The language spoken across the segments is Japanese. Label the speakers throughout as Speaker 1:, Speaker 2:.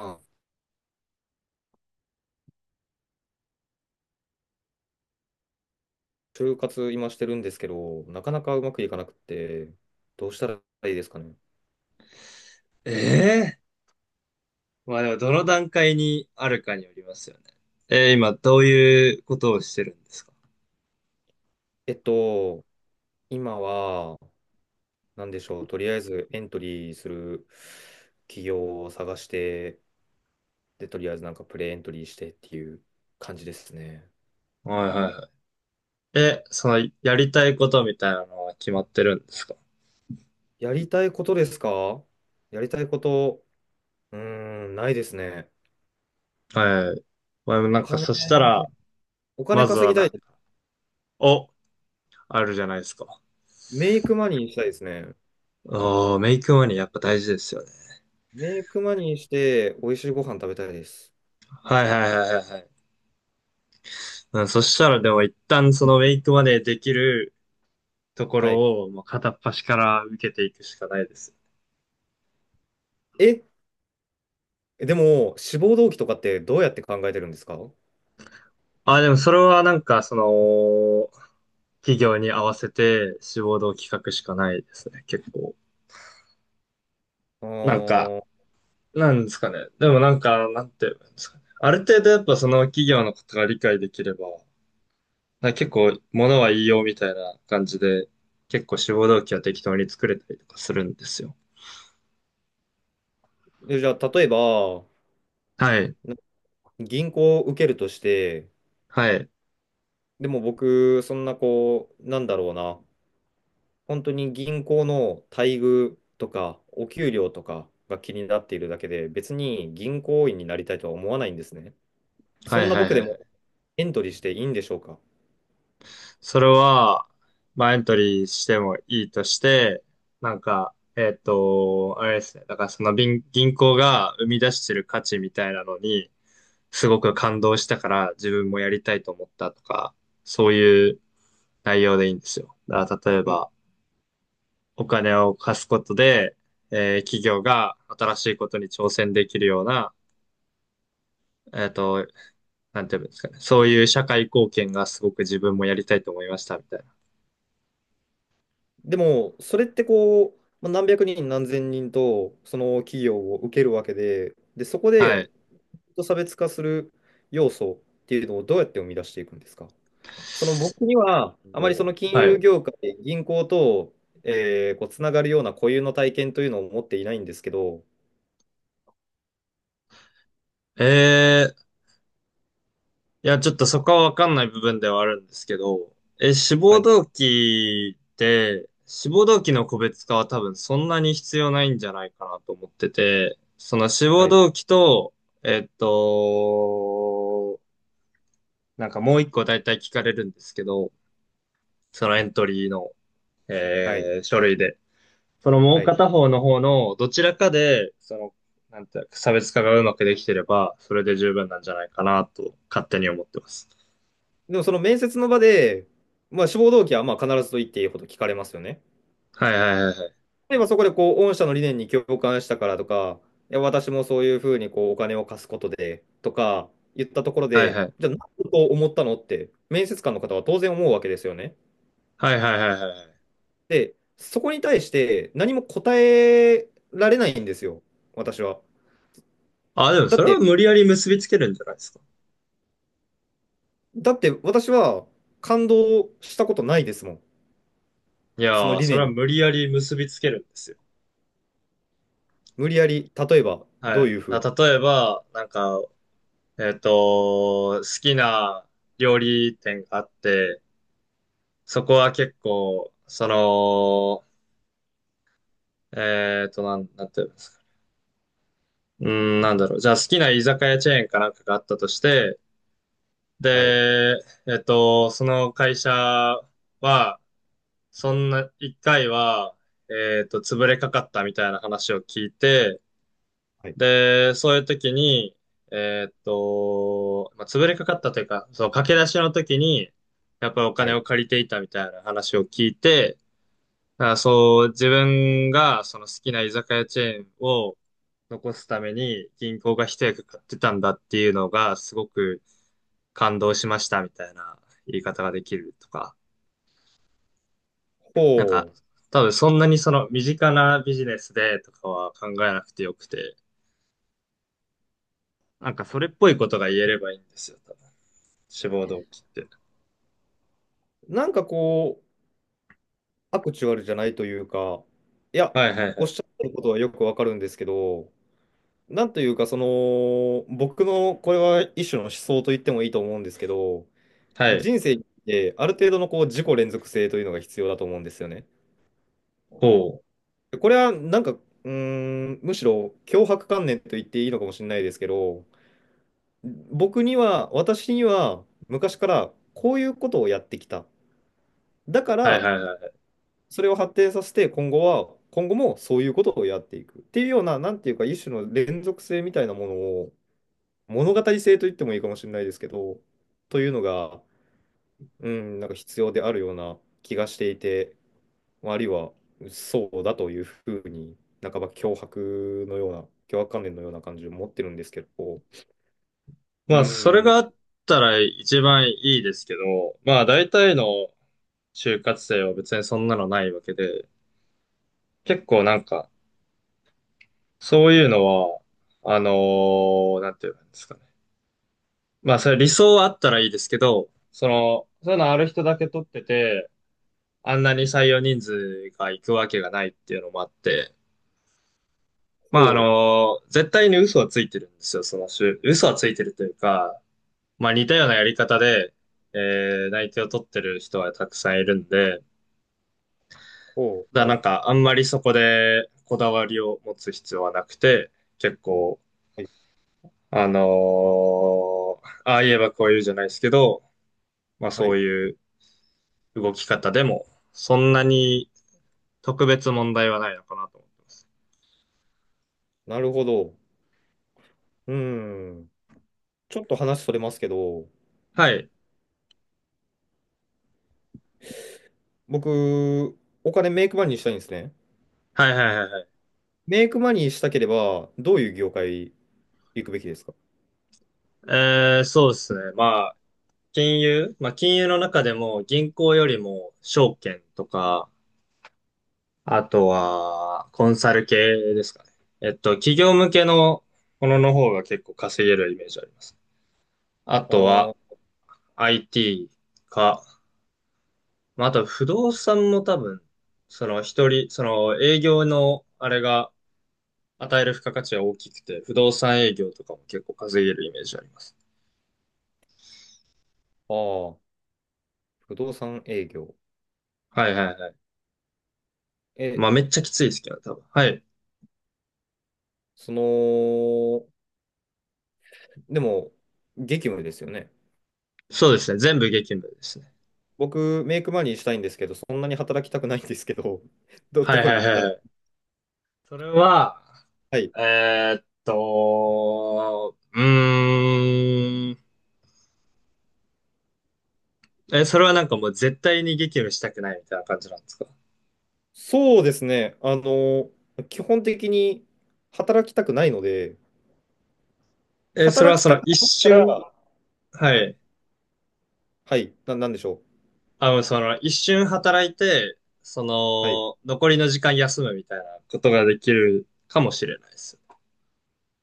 Speaker 1: あ、就活今してるんですけど、なかなかうまくいかなくて、どうしたらいいですかね？
Speaker 2: ええまあでも、どの段階にあるかによりますよね。今、どういうことをしてるんですか？
Speaker 1: えっと、今は、なんでしょう、とりあえずエントリーする企業を探して、で、とりあえずなんかプレエントリーしてっていう感じですね。
Speaker 2: はいはいはい。え、その、やりたいことみたいなのは決まってるんですか？
Speaker 1: やりたいことですか？やりたいこと、うーん、ないですね。
Speaker 2: はい。まあでもな
Speaker 1: お
Speaker 2: んか、
Speaker 1: 金、
Speaker 2: そしたら、
Speaker 1: お金
Speaker 2: まず
Speaker 1: 稼
Speaker 2: は
Speaker 1: ぎた
Speaker 2: な
Speaker 1: い。
Speaker 2: んか、お、あるじゃないですか。
Speaker 1: メイクマニーしたいですね。
Speaker 2: おー、メイクマネーやっぱ大事ですよね。
Speaker 1: メイクマニーして、美味しいご飯食べたいです。
Speaker 2: はいはいはいはいはい。うん、そしたらでも一旦そのメイクマネーできるとこ
Speaker 1: はい。
Speaker 2: ろを、もう片っ端から受けていくしかないですよね。
Speaker 1: えでも、志望動機とかってどうやって考えてるんですか？
Speaker 2: あ、でもそれはなんか、その、企業に合わせて志望動機書くしかないですね、結構。なんか、
Speaker 1: ー
Speaker 2: なんですかね。でもなんか、なんて言うんですかね。ある程度やっぱその企業のことが理解できれば、なんか結構物は言いようみたいな感じで、結構志望動機は適当に作れたりとかするんですよ。
Speaker 1: でじゃあ、例えば、
Speaker 2: はい。
Speaker 1: な銀行を受けるとして、
Speaker 2: はい。
Speaker 1: でも僕、そんなこう、なんだろうな、本当に銀行の待遇とか、お給料とかが気になっているだけで、別に銀行員になりたいとは思わないんですね。そ
Speaker 2: は
Speaker 1: ん
Speaker 2: い
Speaker 1: な
Speaker 2: はい
Speaker 1: 僕
Speaker 2: は
Speaker 1: で
Speaker 2: い
Speaker 1: も
Speaker 2: はい。
Speaker 1: エントリーしていいんでしょうか？
Speaker 2: それは、まあ、エントリーしてもいいとして、なんか、えっと、あれですね。だからその銀行が生み出してる価値みたいなのに、すごく感動したから自分もやりたいと思ったとか、そういう内容でいいんですよ。だから例え
Speaker 1: でも、
Speaker 2: ば、お金を貸すことで、企業が新しいことに挑戦できるような、えっと、なんていうんですかね。そういう社会貢献がすごく自分もやりたいと思いましたみたいな。
Speaker 1: でもそれってこう、まあ何百人何千人とその企業を受けるわけで、で、そこ
Speaker 2: は
Speaker 1: で
Speaker 2: い。
Speaker 1: と差別化する要素っていうのをどうやって生み出していくんですか？その僕には、あまりそ
Speaker 2: お
Speaker 1: の金
Speaker 2: は
Speaker 1: 融
Speaker 2: い。
Speaker 1: 業界、銀行と、こうつながるような固有の体験というのを持っていないんですけど、
Speaker 2: えー、いや、ちょっとそこはわかんない部分ではあるんですけど、え、
Speaker 1: はい、
Speaker 2: 志望動機の個別化は多分そんなに必要ないんじゃないかなと思ってて、その志
Speaker 1: は
Speaker 2: 望
Speaker 1: い、
Speaker 2: 動機と、えっと、なんかもう一個大体聞かれるんですけど、そのエントリーの、
Speaker 1: はい、
Speaker 2: 書類で。そのも
Speaker 1: は
Speaker 2: う
Speaker 1: い。
Speaker 2: 片方の方のどちらかで、その、なんていうか、差別化がうまくできてれば、それで十分なんじゃないかなと、勝手に思ってます。
Speaker 1: でもその面接の場で、まあ、志望動機はまあ必ずと言っていいほど聞かれますよね。
Speaker 2: はいはいはいは
Speaker 1: 例えばそこでこう、御社の理念に共感したからとか、いや、私もそういうふうにこうお金を貸すことでとか言ったところ
Speaker 2: い。はい
Speaker 1: で、
Speaker 2: はい。
Speaker 1: じゃあ、何だと思ったのって、面接官の方は当然思うわけですよね。
Speaker 2: はいはいはいはいはい。
Speaker 1: で、そこに対して何も答えられないんですよ、私は。
Speaker 2: あ、でも
Speaker 1: だ
Speaker 2: そ
Speaker 1: っ
Speaker 2: れは
Speaker 1: て、
Speaker 2: 無理やり結びつけるんじゃないですか。
Speaker 1: だって私は感動したことないですもん、
Speaker 2: い
Speaker 1: その
Speaker 2: やー、
Speaker 1: 理
Speaker 2: それ
Speaker 1: 念
Speaker 2: は
Speaker 1: に。
Speaker 2: 無理やり結びつけるんですよ。
Speaker 1: 無理やり、例えば、ど
Speaker 2: は
Speaker 1: う
Speaker 2: い。
Speaker 1: いうふう
Speaker 2: だ
Speaker 1: に。
Speaker 2: 例えば、なんか、えっと、好きな料理店があって、そこは結構、その、えっと、なんていうの？うん、なんだろう。じゃあ好きな居酒屋チェーンかなんかがあったとして、
Speaker 1: はい、
Speaker 2: で、えっと、その会社は、そんな、一回は、えっと、潰れかかったみたいな話を聞いて、
Speaker 1: はい、
Speaker 2: で、そういう時に、えっと、まあ、潰れかかったというか、そう、駆け出しの時に、やっぱりお
Speaker 1: は
Speaker 2: 金
Speaker 1: い。
Speaker 2: を借りていたみたいな話を聞いて、だからそう、自分がその好きな居酒屋チェーンを残すために銀行が一役買ってたんだっていうのがすごく感動しましたみたいな言い方ができるとか、
Speaker 1: ほ
Speaker 2: なんか多分そんなにその身近なビジネスでとかは考えなくてよくて、なんかそれっぽいことが言えればいいんですよ、多分。志望動機って。
Speaker 1: う。なんかこう、アクチュアルじゃないというか、いや、
Speaker 2: はいはいは
Speaker 1: おっ
Speaker 2: い。
Speaker 1: しゃってることはよくわかるんですけど、なんというか、その、僕のこれは一種の思想と言ってもいいと思うんですけど、
Speaker 2: はい。
Speaker 1: 人生ってある程度のこう自己連続性というのが必要だと思うんですよね。
Speaker 2: こう。
Speaker 1: これはなんか、うーん、むしろ強迫観念と言っていいのかもしれないですけど、僕には、私には昔からこういうことをやってきた。だか
Speaker 2: はい
Speaker 1: ら、
Speaker 2: はいはい。
Speaker 1: それを発展させて今後もそういうことをやっていくっていうような、なんていうか一種の連続性みたいなものを、物語性と言ってもいいかもしれないですけど、というのが、うん、なんか必要であるような気がしていて、まああるいはそうだというふうに、半ば脅迫のような、脅迫観念のような感じを持ってるんですけど、う
Speaker 2: まあそれ
Speaker 1: ん、
Speaker 2: があったら一番いいですけど、まあ大体の就活生は別にそんなのないわけで、結構なんか、そういうのは、あのなんていうんですかね。まあ、それ理想はあったらいいですけど、その、そういうのある人だけ取ってて、あんなに採用人数が行くわけがないっていうのもあって、まあ、
Speaker 1: ほう、
Speaker 2: 絶対に嘘はついてるんですよ、その就、嘘はついてるというか、まあ、似たようなやり方で、内定を取ってる人はたくさんいるんで、
Speaker 1: ほ
Speaker 2: だ
Speaker 1: う、
Speaker 2: から
Speaker 1: は
Speaker 2: な
Speaker 1: い、
Speaker 2: んか、あんまりそこでこだわりを持つ必要はなくて、結構、
Speaker 1: はい、
Speaker 2: あのああ言えばこう言うじゃないですけど、まあ
Speaker 1: は
Speaker 2: そう
Speaker 1: い、
Speaker 2: いう動き方でも、そんなに特別問題はないのかなと思って
Speaker 1: なるほど。うん、ちょっと話それますけど、
Speaker 2: ます。はい。
Speaker 1: 僕、お金メイクマニーしたいんですね。
Speaker 2: はいはいはいはい。
Speaker 1: メイクマニーしたければ、どういう業界行くべきですか？
Speaker 2: そうですね。まあ、金融、まあ金融の中でも銀行よりも証券とか、あとはコンサル系ですかね。えっと、企業向けのものの方が結構稼げるイメージあります。あ
Speaker 1: あ
Speaker 2: とは
Speaker 1: ー
Speaker 2: IT か、まあ、あと不動産も多分、その一人、その営業のあれが与える付加価値は大きくて、不動産営業とかも結構稼げるイメージあります。
Speaker 1: あー、不動産営業。
Speaker 2: はいはいはい。
Speaker 1: え、
Speaker 2: まあめっちゃきついですけどね、多分。はい。
Speaker 1: その、でも、激務ですよね。
Speaker 2: そうですね。全部激務ですね。
Speaker 1: 僕、メイクマネーしたいんですけど、そんなに働きたくないんですけど、
Speaker 2: はい
Speaker 1: どこ
Speaker 2: はい
Speaker 1: に
Speaker 2: は
Speaker 1: 行っ
Speaker 2: い
Speaker 1: た
Speaker 2: は
Speaker 1: ら。
Speaker 2: い。それは、
Speaker 1: はい。
Speaker 2: うーん。え、それはなんかもう絶対に激務したくないみたいな感じなんですか？
Speaker 1: そうですね。基本的に働きたくないので、
Speaker 2: え、それは
Speaker 1: 働き
Speaker 2: そ
Speaker 1: たく
Speaker 2: の一
Speaker 1: ないか
Speaker 2: 瞬、
Speaker 1: ら、
Speaker 2: はい。
Speaker 1: はい、なんでしょ
Speaker 2: あの、その、一瞬働いて、そ
Speaker 1: う。はい。
Speaker 2: の、残りの時間休むみたいなことができるかもしれないです。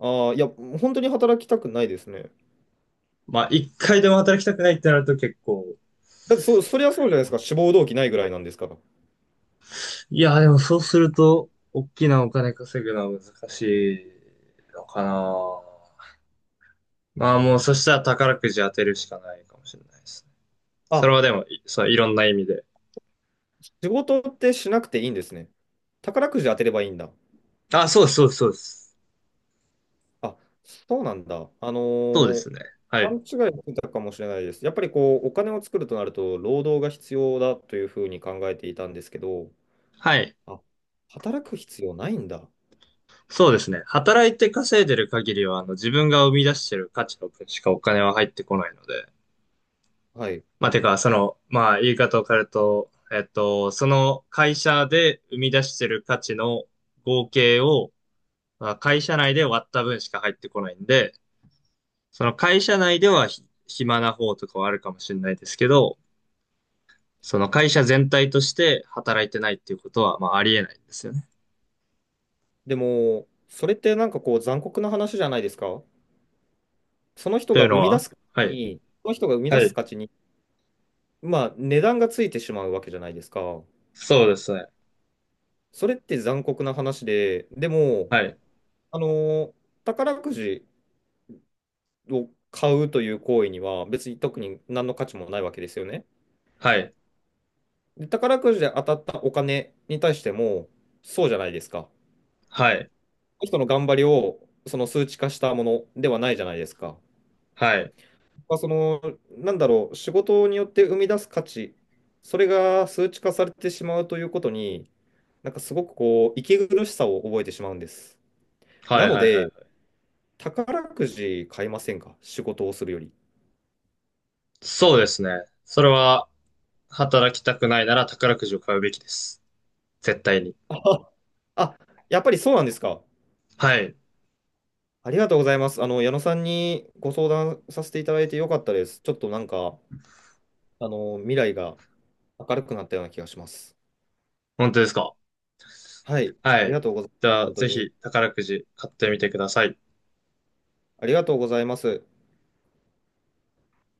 Speaker 1: ああ、いや、本当に働きたくないですね。
Speaker 2: まあ、一回でも働きたくないってなると結構、
Speaker 1: だって、そりゃそうじゃないですか。志望動機ないぐらいなんですから。
Speaker 2: いや、でもそうすると、大きなお金稼ぐのは難しいのかな。まあもう、そしたら宝くじ当てるしかないかもしれないですね。そ
Speaker 1: あ、
Speaker 2: れはでも、いそう、いろんな意味で。
Speaker 1: 仕事ってしなくていいんですね。宝くじ当てればいいんだ。
Speaker 2: あ、そうです、そうです、そうです。
Speaker 1: あ、そうなんだ。
Speaker 2: そうですね。は
Speaker 1: 勘
Speaker 2: い。
Speaker 1: 違いしてたかもしれないです。やっぱりこう、お金を作るとなると、労働が必要だというふうに考えていたんですけど、
Speaker 2: はい。
Speaker 1: あ、働く必要ないんだ。
Speaker 2: そうですね。働いて稼いでる限りは、あの、自分が生み出してる価値の分しかお金は入ってこないので。
Speaker 1: はい。
Speaker 2: まあ、てか、その、まあ、言い方を変えると、えっと、その会社で生み出してる価値の合計を、まあ、会社内で割った分しか入ってこないんで、その会社内ではひ暇な方とかはあるかもしれないですけど、その会社全体として働いてないっていうことは、まあ、ありえないんですよね。
Speaker 1: でも、それってなんかこう、残酷な話じゃないですか。その人
Speaker 2: とい
Speaker 1: が
Speaker 2: う
Speaker 1: 生
Speaker 2: の
Speaker 1: み出
Speaker 2: は、
Speaker 1: す価値
Speaker 2: はい。
Speaker 1: に、その人が生み
Speaker 2: は
Speaker 1: 出す
Speaker 2: い。
Speaker 1: 価値に、まあ、値段がついてしまうわけじゃないですか。
Speaker 2: そうですね。
Speaker 1: それって残酷な話で、でも、
Speaker 2: はい。
Speaker 1: あのー宝くじを買うという行為には別に特に何の価値もないわけですよね。
Speaker 2: はい。
Speaker 1: で、宝くじで当たったお金に対してもそうじゃないですか。
Speaker 2: はい。
Speaker 1: 人の頑張りをその数値化したものではないじゃないですか。
Speaker 2: はい。
Speaker 1: まあ、その、なんだろう、仕事によって生み出す価値、それが数値化されてしまうということに、なんかすごくこう、息苦しさを覚えてしまうんです。
Speaker 2: は
Speaker 1: な
Speaker 2: い
Speaker 1: の
Speaker 2: はいは
Speaker 1: で、
Speaker 2: い。
Speaker 1: 宝くじ買いませんか？仕事をするより。
Speaker 2: そうですね。それは、働きたくないなら宝くじを買うべきです。絶対に。
Speaker 1: あ、あやっぱりそうなんですか？
Speaker 2: はい。
Speaker 1: ありがとうございます。矢野さんにご相談させていただいてよかったです。ちょっとなんか、未来が明るくなったような気がします。
Speaker 2: 本当ですか？
Speaker 1: はい。
Speaker 2: は
Speaker 1: あり
Speaker 2: い。
Speaker 1: がとうございます。
Speaker 2: じゃあ、
Speaker 1: 本当
Speaker 2: ぜ
Speaker 1: に。
Speaker 2: ひ宝くじ買ってみてください。
Speaker 1: ありがとうございます。